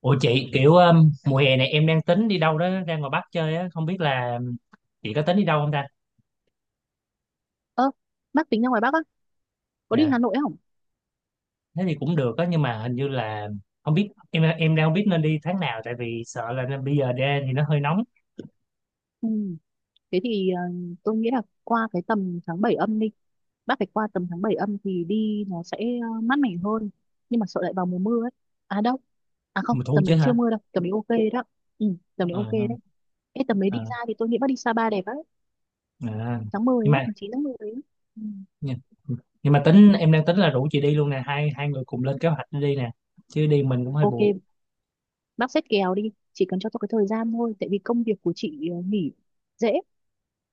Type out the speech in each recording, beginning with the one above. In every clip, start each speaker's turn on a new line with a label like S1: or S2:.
S1: Ủa chị kiểu mùa hè này em đang tính đi đâu đó ra ngoài Bắc chơi á, không biết là chị có tính đi đâu không ta?
S2: Ơ, bác tính ra ngoài Bắc á, có đi
S1: Dạ.
S2: Hà Nội không?
S1: Thế thì cũng được á, nhưng mà hình như là không biết em đang không biết nên đi tháng nào, tại vì sợ là bây giờ ra thì nó hơi nóng.
S2: Ừ. Thế thì tôi nghĩ là qua cái tầm tháng 7 âm đi. Bác phải qua tầm tháng 7 âm thì đi nó sẽ mát mẻ hơn. Nhưng mà sợ lại vào mùa mưa ấy. À đâu. À không,
S1: Mùa thu
S2: tầm
S1: chứ
S2: đấy chưa
S1: hả?
S2: mưa đâu. Tầm đấy ok đó. Ừ, tầm đấy ok
S1: Ờ,
S2: đấy. Ê, tầm đấy
S1: ờ,
S2: đi ra thì tôi nghĩ bác đi Sapa đẹp ấy.
S1: à.
S2: Tháng 10
S1: Nhưng
S2: ấy,
S1: mà
S2: tháng 9 tháng 10 ấy. Ừ.
S1: nhưng nhưng mà tính em đang tính là rủ chị đi luôn nè, hai hai người cùng lên kế hoạch đi nè, chứ đi mình cũng hơi
S2: Ok,
S1: buồn.
S2: bác xét kèo đi. Chỉ cần cho tôi cái thời gian thôi. Tại vì công việc của chị nghỉ dễ.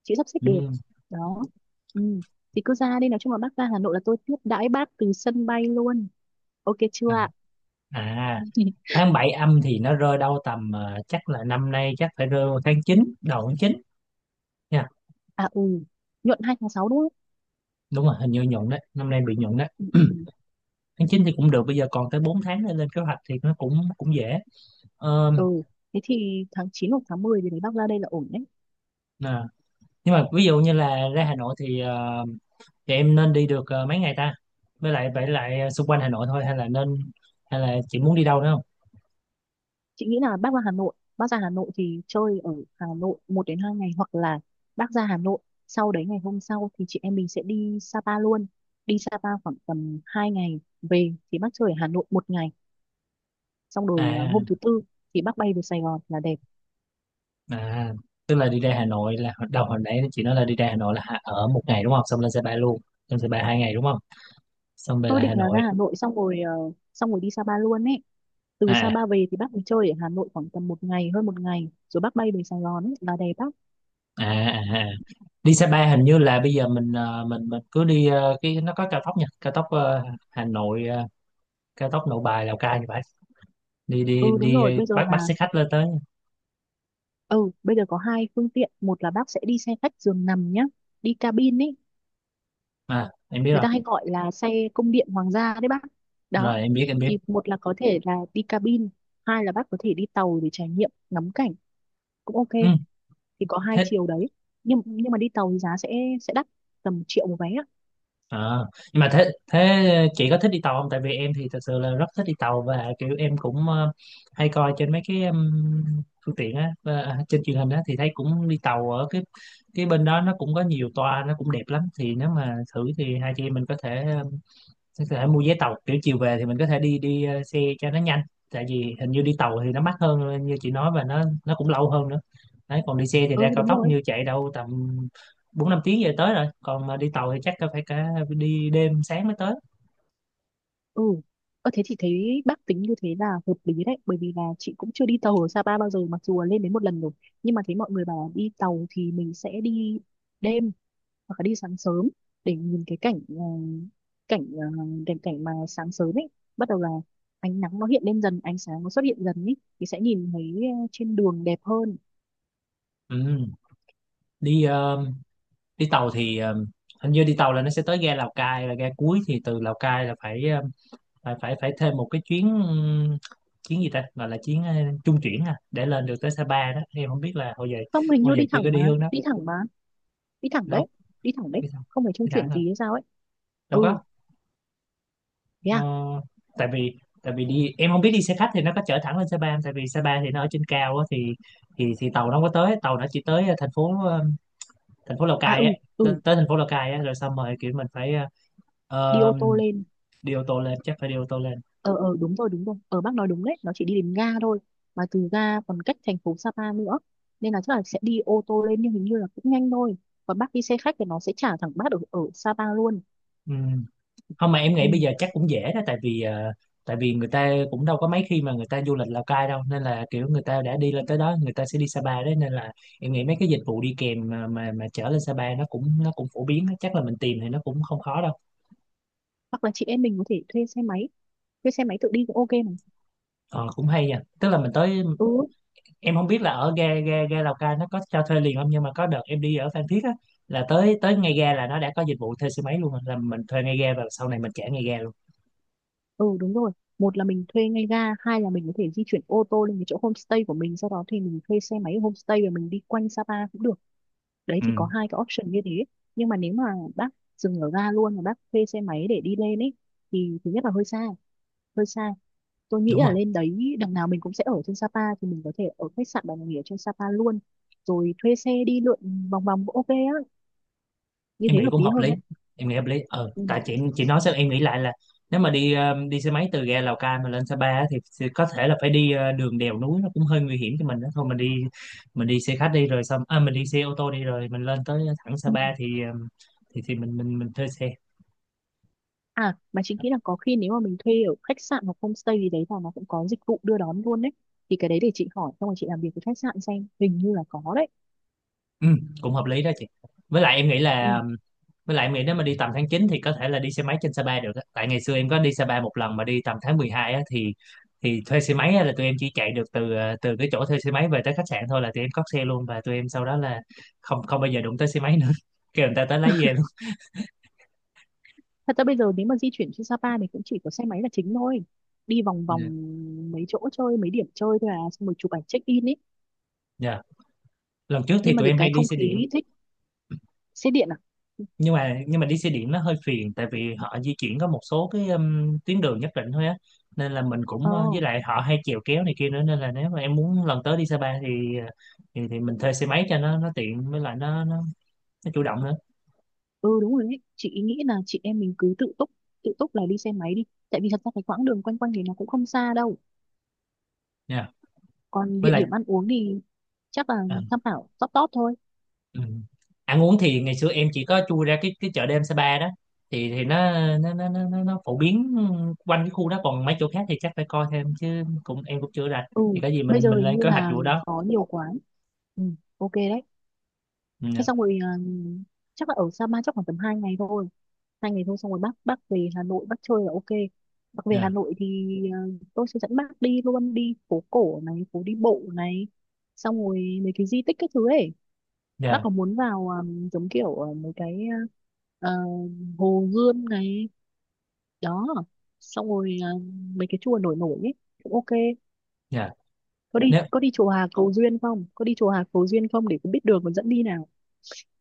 S2: Chị sắp xếp được
S1: Ừ.
S2: đó, ừ. Thì cứ ra đi, nói chung là bác ra Hà Nội là tôi tiếp đãi bác từ sân bay luôn, ok chưa
S1: À
S2: ạ?
S1: à, tháng 7 âm thì nó rơi đâu tầm chắc là năm nay chắc phải rơi vào tháng chín, đầu tháng 9.
S2: À, ừ, nhuận 2 tháng 6 đúng không?
S1: Đúng rồi, hình như nhuận đấy, năm nay bị nhuận đấy.
S2: Ừ, ừ.
S1: Tháng 9 thì cũng được, bây giờ còn tới 4 tháng để lên kế hoạch thì nó cũng cũng dễ. Ờ,
S2: Ừ, thế thì tháng 9 hoặc tháng 10 thì đấy bác ra đây là ổn đấy.
S1: nè. Nhưng mà ví dụ như là ra Hà Nội thì thì em nên đi được mấy ngày ta, với lại vậy lại xung quanh Hà Nội thôi hay là nên, hay là chị muốn đi đâu nữa không?
S2: Chị nghĩ là bác ra Hà Nội thì chơi ở Hà Nội 1 đến 2 ngày, hoặc là bác ra Hà Nội sau đấy ngày hôm sau thì chị em mình sẽ đi Sapa luôn. Đi Sapa khoảng tầm 2 ngày, về thì bác chơi ở Hà Nội một ngày xong rồi à, hôm
S1: À
S2: thứ tư thì bác bay về Sài Gòn là đẹp.
S1: à, tức là đi ra Hà Nội là đầu hồi nãy chị nói là đi ra Hà Nội là ở một ngày đúng không, xong lên xe ba luôn, lên xe ba hai ngày đúng không, xong về
S2: Tôi
S1: lại Hà
S2: định là ra
S1: Nội.
S2: Hà Nội xong rồi đi Sapa luôn ấy, từ
S1: à
S2: Sapa về thì bác mới chơi ở Hà Nội khoảng tầm một ngày hơn một ngày rồi bác bay về Sài Gòn ấy là đẹp bác.
S1: à à, à. Đi Sapa hình như là bây giờ mình mình cứ đi cái nó có cao tốc nha, cao tốc Hà Nội cao tốc Nội Bài Lào Cai, như vậy đi đi
S2: Ừ đúng
S1: đi
S2: rồi. bây giờ
S1: bắt bắt
S2: là
S1: xe khách lên tới.
S2: ừ bây giờ có 2 phương tiện. Một là bác sẽ đi xe khách giường nằm nhá, đi cabin ấy,
S1: À em biết
S2: người
S1: rồi,
S2: ta hay gọi là xe cung điện hoàng gia đấy bác. Đó
S1: rồi em biết.
S2: thì một là có thể là đi cabin, hai là bác có thể đi tàu để trải nghiệm ngắm cảnh cũng ok.
S1: Ừ,
S2: Thì có hai
S1: thích.
S2: chiều đấy. Nhưng mà đi tàu thì giá sẽ đắt, tầm triệu một vé ạ.
S1: Ờ, nhưng mà thế thế chị có thích đi tàu không, tại vì em thì thật sự là rất thích đi tàu, và kiểu em cũng hay coi trên mấy cái phương tiện á, trên truyền hình á, thì thấy cũng đi tàu ở cái bên đó, nó cũng có nhiều toa, nó cũng đẹp lắm, thì nếu mà thử thì hai chị em mình có thể. Thì có thể mua vé tàu kiểu chiều về thì mình có thể đi đi xe cho nó nhanh, tại vì hình như đi tàu thì nó mắc hơn như chị nói, và nó cũng lâu hơn nữa đấy. Còn đi xe thì ra
S2: Ừ
S1: cao
S2: đúng
S1: tốc
S2: rồi,
S1: như chạy đâu tầm bốn năm tiếng về tới rồi, còn mà đi tàu thì chắc có phải cả đi đêm sáng mới tới.
S2: ừ. Ơ thế thì thấy bác tính như thế là hợp lý đấy, bởi vì là chị cũng chưa đi tàu ở Sapa bao giờ, mặc dù là lên đến một lần rồi, nhưng mà thấy mọi người bảo đi tàu thì mình sẽ đi đêm hoặc là đi sáng sớm để nhìn cái cảnh ờ, cảnh ờ, cảnh cảnh mà sáng sớm ấy, bắt đầu là ánh nắng nó hiện lên dần, ánh sáng nó xuất hiện dần ấy thì sẽ nhìn thấy trên đường đẹp hơn.
S1: Ừ. Đi đi tàu thì hình như đi tàu là nó sẽ tới ga Lào Cai là ga cuối, thì từ Lào Cai là phải phải thêm một cái chuyến chuyến gì ta, gọi là chuyến trung chuyển à, để lên được tới Sapa đó, em không biết là hồi giờ,
S2: Không, hình như
S1: hồi giờ
S2: đi
S1: chưa
S2: thẳng
S1: có
S2: mà,
S1: đi hướng đó.
S2: đi thẳng mà, đi thẳng đấy,
S1: Đâu,
S2: đi thẳng đấy,
S1: đi sao,
S2: không phải trung
S1: đi thẳng
S2: chuyển
S1: thôi
S2: gì hay sao ấy.
S1: đâu
S2: Ừ,
S1: có.
S2: thế
S1: ờ,
S2: à.
S1: tại vì đi em không biết đi xe khách thì nó có chở thẳng lên Sapa không? Tại vì Sapa thì nó ở trên cao á, thì thì tàu nó không có tới, tàu nó chỉ tới thành phố thành phố Lào
S2: À,
S1: Cai á,
S2: ừ,
S1: tới,
S2: ừ,
S1: tới thành phố Lào Cai á rồi xong rồi kiểu mình phải
S2: đi
S1: ờ,
S2: ô tô lên.
S1: đi ô tô lên, chắc phải đi ô tô lên.
S2: Ờ ờ, đúng rồi, đúng rồi, ở bác nói đúng đấy, nó chỉ đi đến ga thôi mà từ ga còn cách thành phố Sapa nữa, nên là chắc là sẽ đi ô tô lên nhưng hình như là cũng nhanh thôi. Còn bác đi xe khách thì nó sẽ trả thẳng bác ở ở Sapa luôn.
S1: Ừ. Không mà em nghĩ bây
S2: Ừ.
S1: giờ chắc cũng dễ đó, tại vì tại vì người ta cũng đâu có mấy khi mà người ta du lịch Lào Cai đâu, nên là kiểu người ta đã đi lên tới đó người ta sẽ đi Sapa đấy, nên là em nghĩ mấy cái dịch vụ đi kèm mà mà chở lên Sapa nó cũng phổ biến á. Chắc là mình tìm thì nó cũng không khó đâu.
S2: Hoặc là chị em mình có thể thuê xe máy tự đi cũng ok mà.
S1: Ờ, cũng hay nha, tức là mình tới,
S2: Ừ,
S1: em không biết là ở ga ga ga Lào Cai nó có cho thuê liền không, nhưng mà có đợt em đi ở Phan Thiết á, là tới tới ngay ga là nó đã có dịch vụ thuê xe máy luôn rồi, là mình thuê ngay ga và sau này mình trả ngay ga luôn.
S2: ừ, đúng rồi. Một là mình thuê ngay ga, hai là mình có thể di chuyển ô tô lên cái chỗ homestay của mình, sau đó thì mình thuê xe máy ở homestay và mình đi quanh Sapa cũng được. Đấy thì
S1: Ừ
S2: có 2 cái option như thế. Nhưng mà nếu mà bác dừng ở ga luôn mà bác thuê xe máy để đi lên ấy thì thứ nhất là hơi xa, hơi xa. Tôi nghĩ
S1: đúng
S2: là
S1: rồi.
S2: lên đấy đằng nào mình cũng sẽ ở trên Sapa thì mình có thể ở khách sạn và nghỉ ở trên Sapa luôn, rồi thuê xe đi lượn vòng vòng cũng ok á, như
S1: Em
S2: thế
S1: nghĩ
S2: hợp
S1: cũng
S2: lý
S1: hợp
S2: hơn
S1: lý,
S2: á.
S1: em nghĩ hợp lý. Ờ
S2: Ừ.
S1: tại chị nói sao em nghĩ lại là nếu mà đi đi xe máy từ ga Lào Cai mà lên Sa Pa á, thì có thể là phải đi đường đèo núi nó cũng hơi nguy hiểm cho mình đó, thôi mình đi, mình đi xe khách đi rồi xong à, mình đi xe ô tô đi rồi mình lên tới thẳng Sa
S2: Ừ.
S1: Pa, thì thì mình thuê xe.
S2: À mà chính nghĩ là có khi nếu mà mình thuê ở khách sạn hoặc homestay gì đấy là nó cũng có dịch vụ đưa đón luôn đấy, thì cái đấy để chị hỏi xong rồi chị làm việc với khách sạn xem, hình như là có đấy.
S1: Ừ, cũng hợp lý đó chị, với lại em nghĩ
S2: Ừ.
S1: là, với lại Mỹ nếu mà đi tầm tháng 9 thì có thể là đi xe máy trên Sapa được á. Tại ngày xưa em có đi Sapa một lần mà đi tầm tháng 12 á, thì thuê xe máy á là tụi em chỉ chạy được từ từ cái chỗ thuê xe máy về tới khách sạn thôi, là tụi em cót xe luôn, và tụi em sau đó là không, không bao giờ đụng tới xe máy nữa. Kêu người ta tới lấy về luôn.
S2: Thật ra bây giờ nếu mà di chuyển trên Sapa thì cũng chỉ có xe máy là chính thôi, đi vòng vòng mấy chỗ chơi, mấy điểm chơi thôi à, xong rồi chụp ảnh check in ấy.
S1: Dạ. Lần trước thì
S2: Nhưng mà
S1: tụi
S2: được
S1: em
S2: cái
S1: hay đi
S2: không
S1: xe điện,
S2: khí thích. Xe điện à?
S1: nhưng mà đi xe điện nó hơi phiền, tại vì họ di chuyển có một số cái tuyến đường nhất định thôi á, nên là mình cũng
S2: Ờ.
S1: với lại họ hay chèo kéo này kia nữa, nên là nếu mà em muốn lần tới đi Sapa thì thì mình thuê xe máy cho nó tiện, với lại nó chủ động nữa
S2: Ừ đúng rồi đấy, chị ý nghĩ là chị em mình cứ tự túc, tự túc là đi xe máy đi, tại vì thật ra cái quãng đường quanh quanh thì nó cũng không xa đâu.
S1: nha.
S2: Còn
S1: Với
S2: địa
S1: lại
S2: điểm ăn uống thì chắc là
S1: ờ,
S2: tham khảo top top thôi.
S1: ừ. Ăn uống thì ngày xưa em chỉ có chui ra cái chợ đêm Sapa đó, thì nó phổ biến quanh cái khu đó, còn mấy chỗ khác thì chắc phải coi thêm chứ, cũng em cũng chưa rành,
S2: Ừ,
S1: thì có gì
S2: bây
S1: mình
S2: giờ
S1: mình
S2: hình
S1: lên
S2: như
S1: kế hoạch
S2: là
S1: vụ đó.
S2: có nhiều quán. Ừ, ok đấy.
S1: Ừ,
S2: Thế xong rồi à, chắc là ở Sapa chắc khoảng tầm 2 ngày thôi 2 ngày thôi xong rồi bác về Hà Nội bác chơi là ok. Bác về
S1: dạ
S2: Hà Nội thì ờ, tôi sẽ dẫn bác đi luôn, đi phố cổ này, phố đi bộ này, xong rồi mấy cái di tích các thứ ấy. Bác
S1: dạ.
S2: có muốn vào giống kiểu mấy cái ờ, Hồ Gươm này, đó, xong rồi mấy cái chùa nổi nổi ấy cũng ok. Có đi,
S1: Dạ.
S2: chùa Hà Cầu Duyên không, có đi chùa Hà Cầu Duyên không, để cũng biết đường còn dẫn đi nào.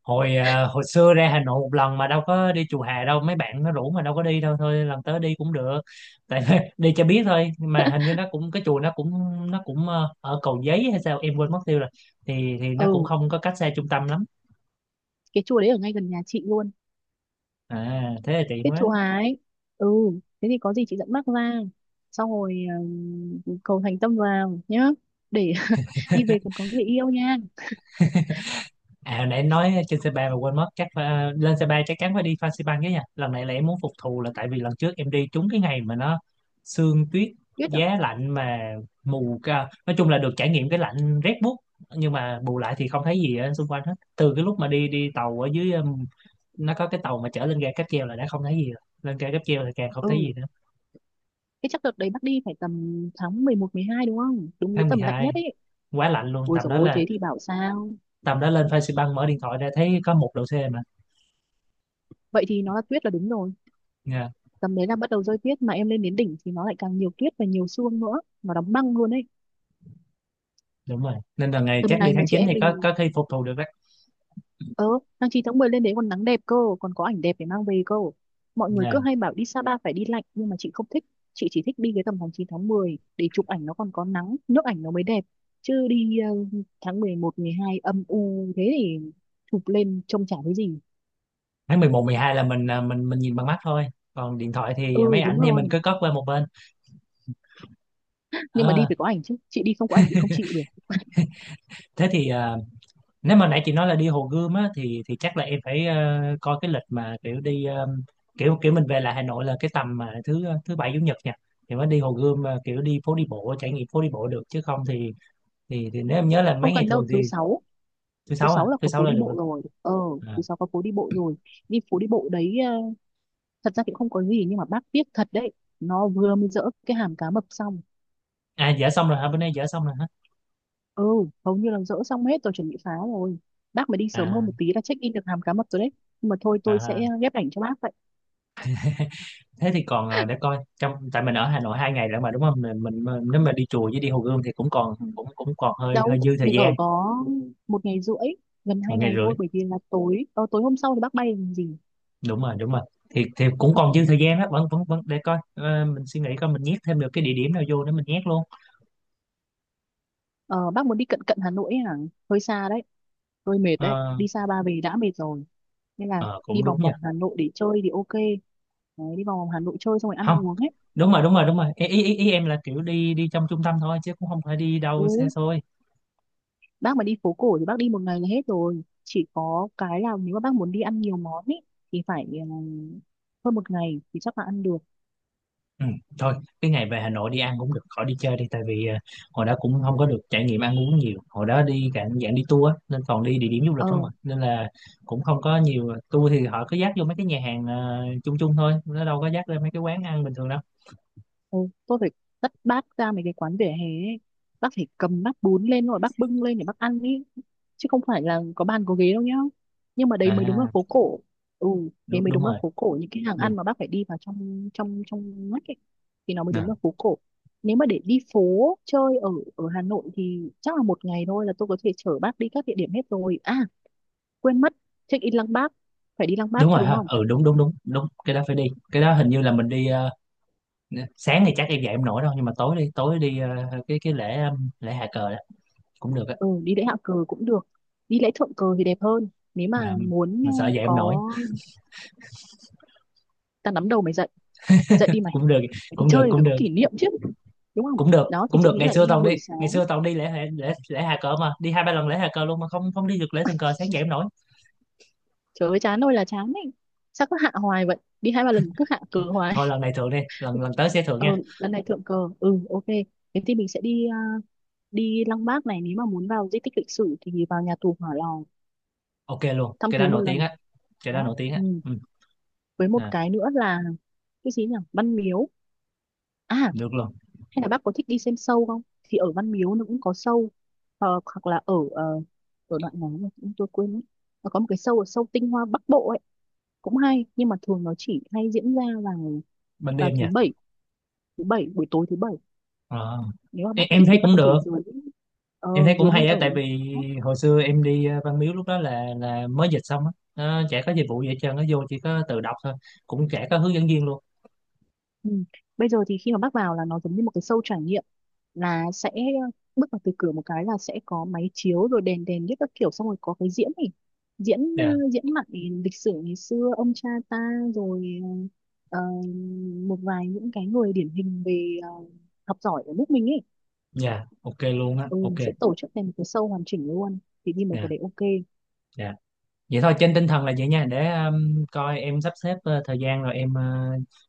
S1: Hồi hồi xưa ra Hà Nội một lần mà đâu có đi chùa Hà đâu, mấy bạn nó rủ mà đâu có đi, đâu thôi lần tới đi cũng được, tại đi cho biết thôi, nhưng mà hình như nó cũng cái chùa nó cũng, ở Cầu Giấy hay sao em quên mất tiêu rồi, thì nó cũng
S2: Ừ,
S1: không có cách xa trung tâm lắm.
S2: cái chùa đấy ở ngay gần nhà chị luôn.
S1: À thế là tiện
S2: Kết
S1: quá.
S2: châu Á ấy. Ừ, thế thì có gì chị dẫn bác ra. Xong rồi cầu thành tâm vào nhá. Để đi về còn có người yêu nha.
S1: À hồi nãy em nói trên C3 mà quên mất, chắc phải, à, lên C3 chắc chắn phải đi Fansipan cái nha. Lần này là em muốn phục thù, là tại vì lần trước em đi trúng cái ngày mà nó sương tuyết,
S2: Biết rồi.
S1: giá lạnh mà mù ca. Nói chung là được trải nghiệm cái lạnh rét buốt, nhưng mà bù lại thì không thấy gì ở xung quanh hết. Từ cái lúc mà đi đi tàu ở dưới, nó có cái tàu mà chở lên ga cáp treo là đã không thấy gì rồi. Lên ga cáp treo thì càng không thấy
S2: Ừ,
S1: gì nữa.
S2: thế chắc đợt đấy bác đi phải tầm tháng 11, 12 đúng không? Đúng cái
S1: Tháng mười
S2: tầm lạnh
S1: hai
S2: nhất ấy.
S1: quá lạnh luôn,
S2: Ôi
S1: tầm
S2: dồi
S1: đó
S2: ôi,
S1: là
S2: thế thì bảo sao.
S1: tầm đó lên Fansipan mở điện thoại ra thấy có một độ C mà.
S2: Vậy thì nó là tuyết là đúng rồi.
S1: Dạ.
S2: Tầm đấy là bắt đầu rơi tuyết mà em lên đến đỉnh thì nó lại càng nhiều tuyết và nhiều sương nữa. Nó đóng băng luôn ấy.
S1: Đúng rồi. Nên là ngày
S2: Tầm
S1: chắc đi
S2: này mà
S1: tháng
S2: chị
S1: 9
S2: em
S1: thì
S2: mình
S1: có khi phục thù được đó.
S2: Ờ, tháng 9 tháng 10 lên đấy còn nắng đẹp cơ, còn có ảnh đẹp để mang về cơ. Mọi người
S1: Dạ.
S2: cứ hay bảo đi Sapa phải đi lạnh nhưng mà chị không thích. Chị chỉ thích đi cái tầm tháng 9 tháng 10 để chụp ảnh nó còn có nắng, nước ảnh nó mới đẹp. Chứ đi tháng 11, 12 âm u thế thì chụp lên trông chả thấy gì.
S1: Tháng mười một mười hai là mình à, mình nhìn bằng mắt thôi. Còn điện thoại thì
S2: Ừ
S1: máy
S2: đúng
S1: ảnh thì mình
S2: rồi.
S1: cứ cất qua một bên.
S2: Nhưng mà đi
S1: Ờ,
S2: phải có ảnh chứ. Chị đi không có ảnh chị không chịu được.
S1: thế thì à, nếu mà nãy chị nói là đi Hồ Gươm á, thì chắc là em phải coi cái lịch mà kiểu đi kiểu kiểu mình về lại Hà Nội là cái tầm mà thứ thứ bảy chủ nhật nha. Thì mới đi Hồ Gươm, kiểu đi phố đi bộ, trải nghiệm phố đi bộ được, chứ không thì thì nếu em nhớ là mấy
S2: Không
S1: ngày
S2: cần đâu,
S1: thường thì, thứ
S2: thứ
S1: sáu à,
S2: sáu là
S1: thứ
S2: có
S1: sáu
S2: phố
S1: là
S2: đi
S1: được
S2: bộ
S1: rồi.
S2: rồi. Ờ,
S1: À,
S2: thứ sáu có phố đi bộ rồi. Đi phố đi bộ đấy, thật ra thì không có gì nhưng mà bác tiếc thật đấy. Nó vừa mới dỡ cái hàm cá mập xong.
S1: à dở xong rồi hả? Bữa nay dở xong rồi hả?
S2: Ừ, hầu như là dỡ xong hết, tôi chuẩn bị phá rồi. Bác mà đi sớm hơn
S1: À,
S2: một tí là check in được hàm cá mập rồi đấy. Nhưng mà thôi, tôi
S1: à
S2: sẽ ghép ảnh cho bác vậy.
S1: thế thì còn để coi, trong tại mình ở Hà Nội hai ngày nữa mà đúng không, nếu mà đi chùa với đi Hồ Gươm thì cũng còn, cũng cũng còn hơi
S2: Đâu
S1: hơi dư thời
S2: mình ở
S1: gian.
S2: có 1 ngày rưỡi, gần
S1: Một
S2: hai
S1: ngày
S2: ngày
S1: rưỡi
S2: thôi, bởi vì là tối hôm sau thì bác bay làm gì.
S1: đúng rồi, đúng rồi, thì cũng còn
S2: Ừ.
S1: dư thời gian đó, vẫn vẫn vẫn để coi. Ờ, mình suy nghĩ coi mình nhét thêm được cái địa điểm nào vô để mình nhét luôn.
S2: ờ, bác muốn đi cận cận Hà Nội ấy à, hơi xa đấy, tôi mệt đấy,
S1: Ờ,
S2: đi xa ba về đã mệt rồi nên là
S1: ờ,
S2: đi
S1: cũng
S2: vòng
S1: đúng nha.
S2: vòng Hà Nội để chơi thì ok đấy. Đi vòng vòng Hà Nội chơi xong rồi ăn
S1: Không,
S2: uống ấy.
S1: đúng rồi đúng rồi đúng rồi, ý, ý, ý ý em là kiểu đi đi trong trung tâm thôi, chứ cũng không phải đi
S2: Ừ,
S1: đâu xa xôi.
S2: bác mà đi phố cổ thì bác đi một ngày là hết rồi, chỉ có cái là nếu mà bác muốn đi ăn nhiều món ý, thì phải hơn một ngày thì chắc là ăn được.
S1: Ừ, thôi cái ngày về Hà Nội đi ăn cũng được, khỏi đi chơi đi, tại vì hồi đó cũng không có được trải nghiệm ăn uống nhiều, hồi đó đi cả dạng đi tour á, nên toàn đi địa điểm du lịch
S2: ờ
S1: không à, nên là cũng không có nhiều. Ờ, tour thì họ cứ dắt vô mấy cái nhà hàng chung chung thôi, nó đâu có dắt lên mấy cái quán ăn bình thường đâu.
S2: Ừ, tôi phải dắt bác ra mấy cái quán vỉa hè ấy. Bác phải cầm bát bún lên rồi bác bưng lên để bác ăn ý, chứ không phải là có bàn có ghế đâu nhá, nhưng mà đấy mới đúng là
S1: À
S2: phố cổ. Ừ, thế
S1: đúng,
S2: mới
S1: đúng
S2: đúng là
S1: rồi,
S2: phố cổ, những cái hàng
S1: đúng.
S2: ăn mà bác phải đi vào trong trong trong ngách ấy, thì nó mới
S1: À,
S2: đúng là phố cổ. Nếu mà để đi phố chơi ở ở Hà Nội thì chắc là một ngày thôi là tôi có thể chở bác đi các địa điểm hết rồi à. Quên mất, check in Lăng Bác, phải đi Lăng Bác
S1: đúng
S2: chứ
S1: rồi
S2: đúng
S1: ha,
S2: không?
S1: ừ đúng đúng cái đó phải đi. Cái đó hình như là mình đi sáng thì chắc em dậy em nổi đâu, nhưng mà tối đi, tối đi cái lễ lễ hạ cờ đó cũng được á.
S2: Ừ, đi lễ hạ cờ cũng được, đi lễ thượng cờ thì đẹp hơn nếu mà
S1: mà
S2: muốn.
S1: mà sợ dậy em nổi,
S2: Có, ta nắm đầu mày dậy, dậy đi mày,
S1: cũng được
S2: phải đi
S1: cũng được
S2: chơi thì
S1: cũng
S2: phải có
S1: được
S2: kỷ niệm chứ, đúng không?
S1: cũng được
S2: Đó thì
S1: cũng
S2: chị
S1: được
S2: nghĩ
S1: Ngày
S2: là
S1: xưa
S2: đi
S1: toàn đi,
S2: buổi
S1: ngày
S2: sáng.
S1: xưa toàn đi lễ lễ lễ Hà Cờ, mà đi hai ba lần lễ Hà Cờ luôn mà không, không đi được lễ Thường Cờ, sáng dậy không nổi.
S2: Trời ơi chán ơi là chán ấy, sao cứ hạ hoài vậy, đi 2 3 lần cứ hạ cờ hoài.
S1: Thôi lần này thượng đi, lần lần tới sẽ thượng
S2: Ờ,
S1: nha.
S2: lần này thượng cờ, ừ, ok. Thế thì mình sẽ đi, à, đi Lăng Bác này, nếu mà muốn vào di tích lịch sử thì vào nhà tù Hỏa Lò
S1: Ok luôn,
S2: thăm
S1: cái đó
S2: thú một
S1: nổi tiếng
S2: lần.
S1: á. Cái đó
S2: Đó,
S1: nổi tiếng
S2: ừ.
S1: á, ừ.
S2: Với một
S1: À,
S2: cái nữa là cái gì nhỉ, Văn Miếu. À,
S1: được luôn.
S2: hay là bác có thích đi xem show không, thì ở Văn Miếu nó cũng có show. Ờ, hoặc là ở ở đoạn nào mà chúng tôi quên mất, nó có một cái show ở show Tinh Hoa Bắc Bộ ấy cũng hay, nhưng mà thường nó chỉ hay diễn ra vào
S1: Ban
S2: vào
S1: đêm
S2: thứ
S1: nha.
S2: bảy, thứ bảy buổi tối thứ bảy.
S1: Ờ.
S2: Nếu mà bác
S1: Em
S2: thích
S1: thấy
S2: thì bác
S1: cũng
S2: có thể
S1: được,
S2: dướn, ờ,
S1: em thấy cũng
S2: dướn lên
S1: hay á,
S2: ở
S1: tại
S2: một ngày.
S1: vì hồi xưa em đi Văn Miếu lúc đó là mới dịch xong á, nó chả có dịch vụ gì hết trơn, nó vô chỉ có tự đọc thôi, cũng chả có hướng dẫn viên luôn.
S2: Ừ. Bây giờ thì khi mà bác vào là nó giống như một cái show trải nghiệm, là sẽ bước vào từ cửa một cái là sẽ có máy chiếu rồi đèn đèn nhất các kiểu, xong rồi có cái diễn này, diễn ờ,
S1: Dạ.
S2: diễn mặt này, lịch sử ngày xưa ông cha ta, rồi ờ, ờ, một vài những cái người điển hình về học giỏi ở nước mình ấy.
S1: Dạ ok luôn á,
S2: Ừ,
S1: ok.
S2: mình sẽ tổ chức thành một cái show hoàn chỉnh luôn, thì đi mấy cái
S1: Dạ.
S2: đấy ok.
S1: Dạ. Vậy thôi trên tinh thần là vậy nha, để coi em sắp xếp thời gian rồi em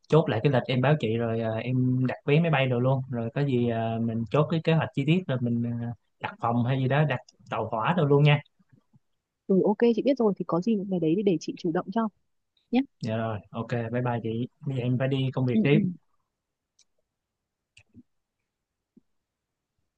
S1: chốt lại cái lịch em báo chị, rồi em đặt vé máy bay đồ luôn, rồi có gì mình chốt cái kế hoạch chi tiết, rồi mình đặt phòng hay gì đó, đặt tàu hỏa đồ luôn nha.
S2: Ừ ok, chị biết rồi thì có gì những cái đấy thì để chị chủ động cho nhé.
S1: Dạ rồi ok, bye bye chị, bây giờ em phải đi công việc
S2: Ừ,
S1: tiếp.
S2: ừ.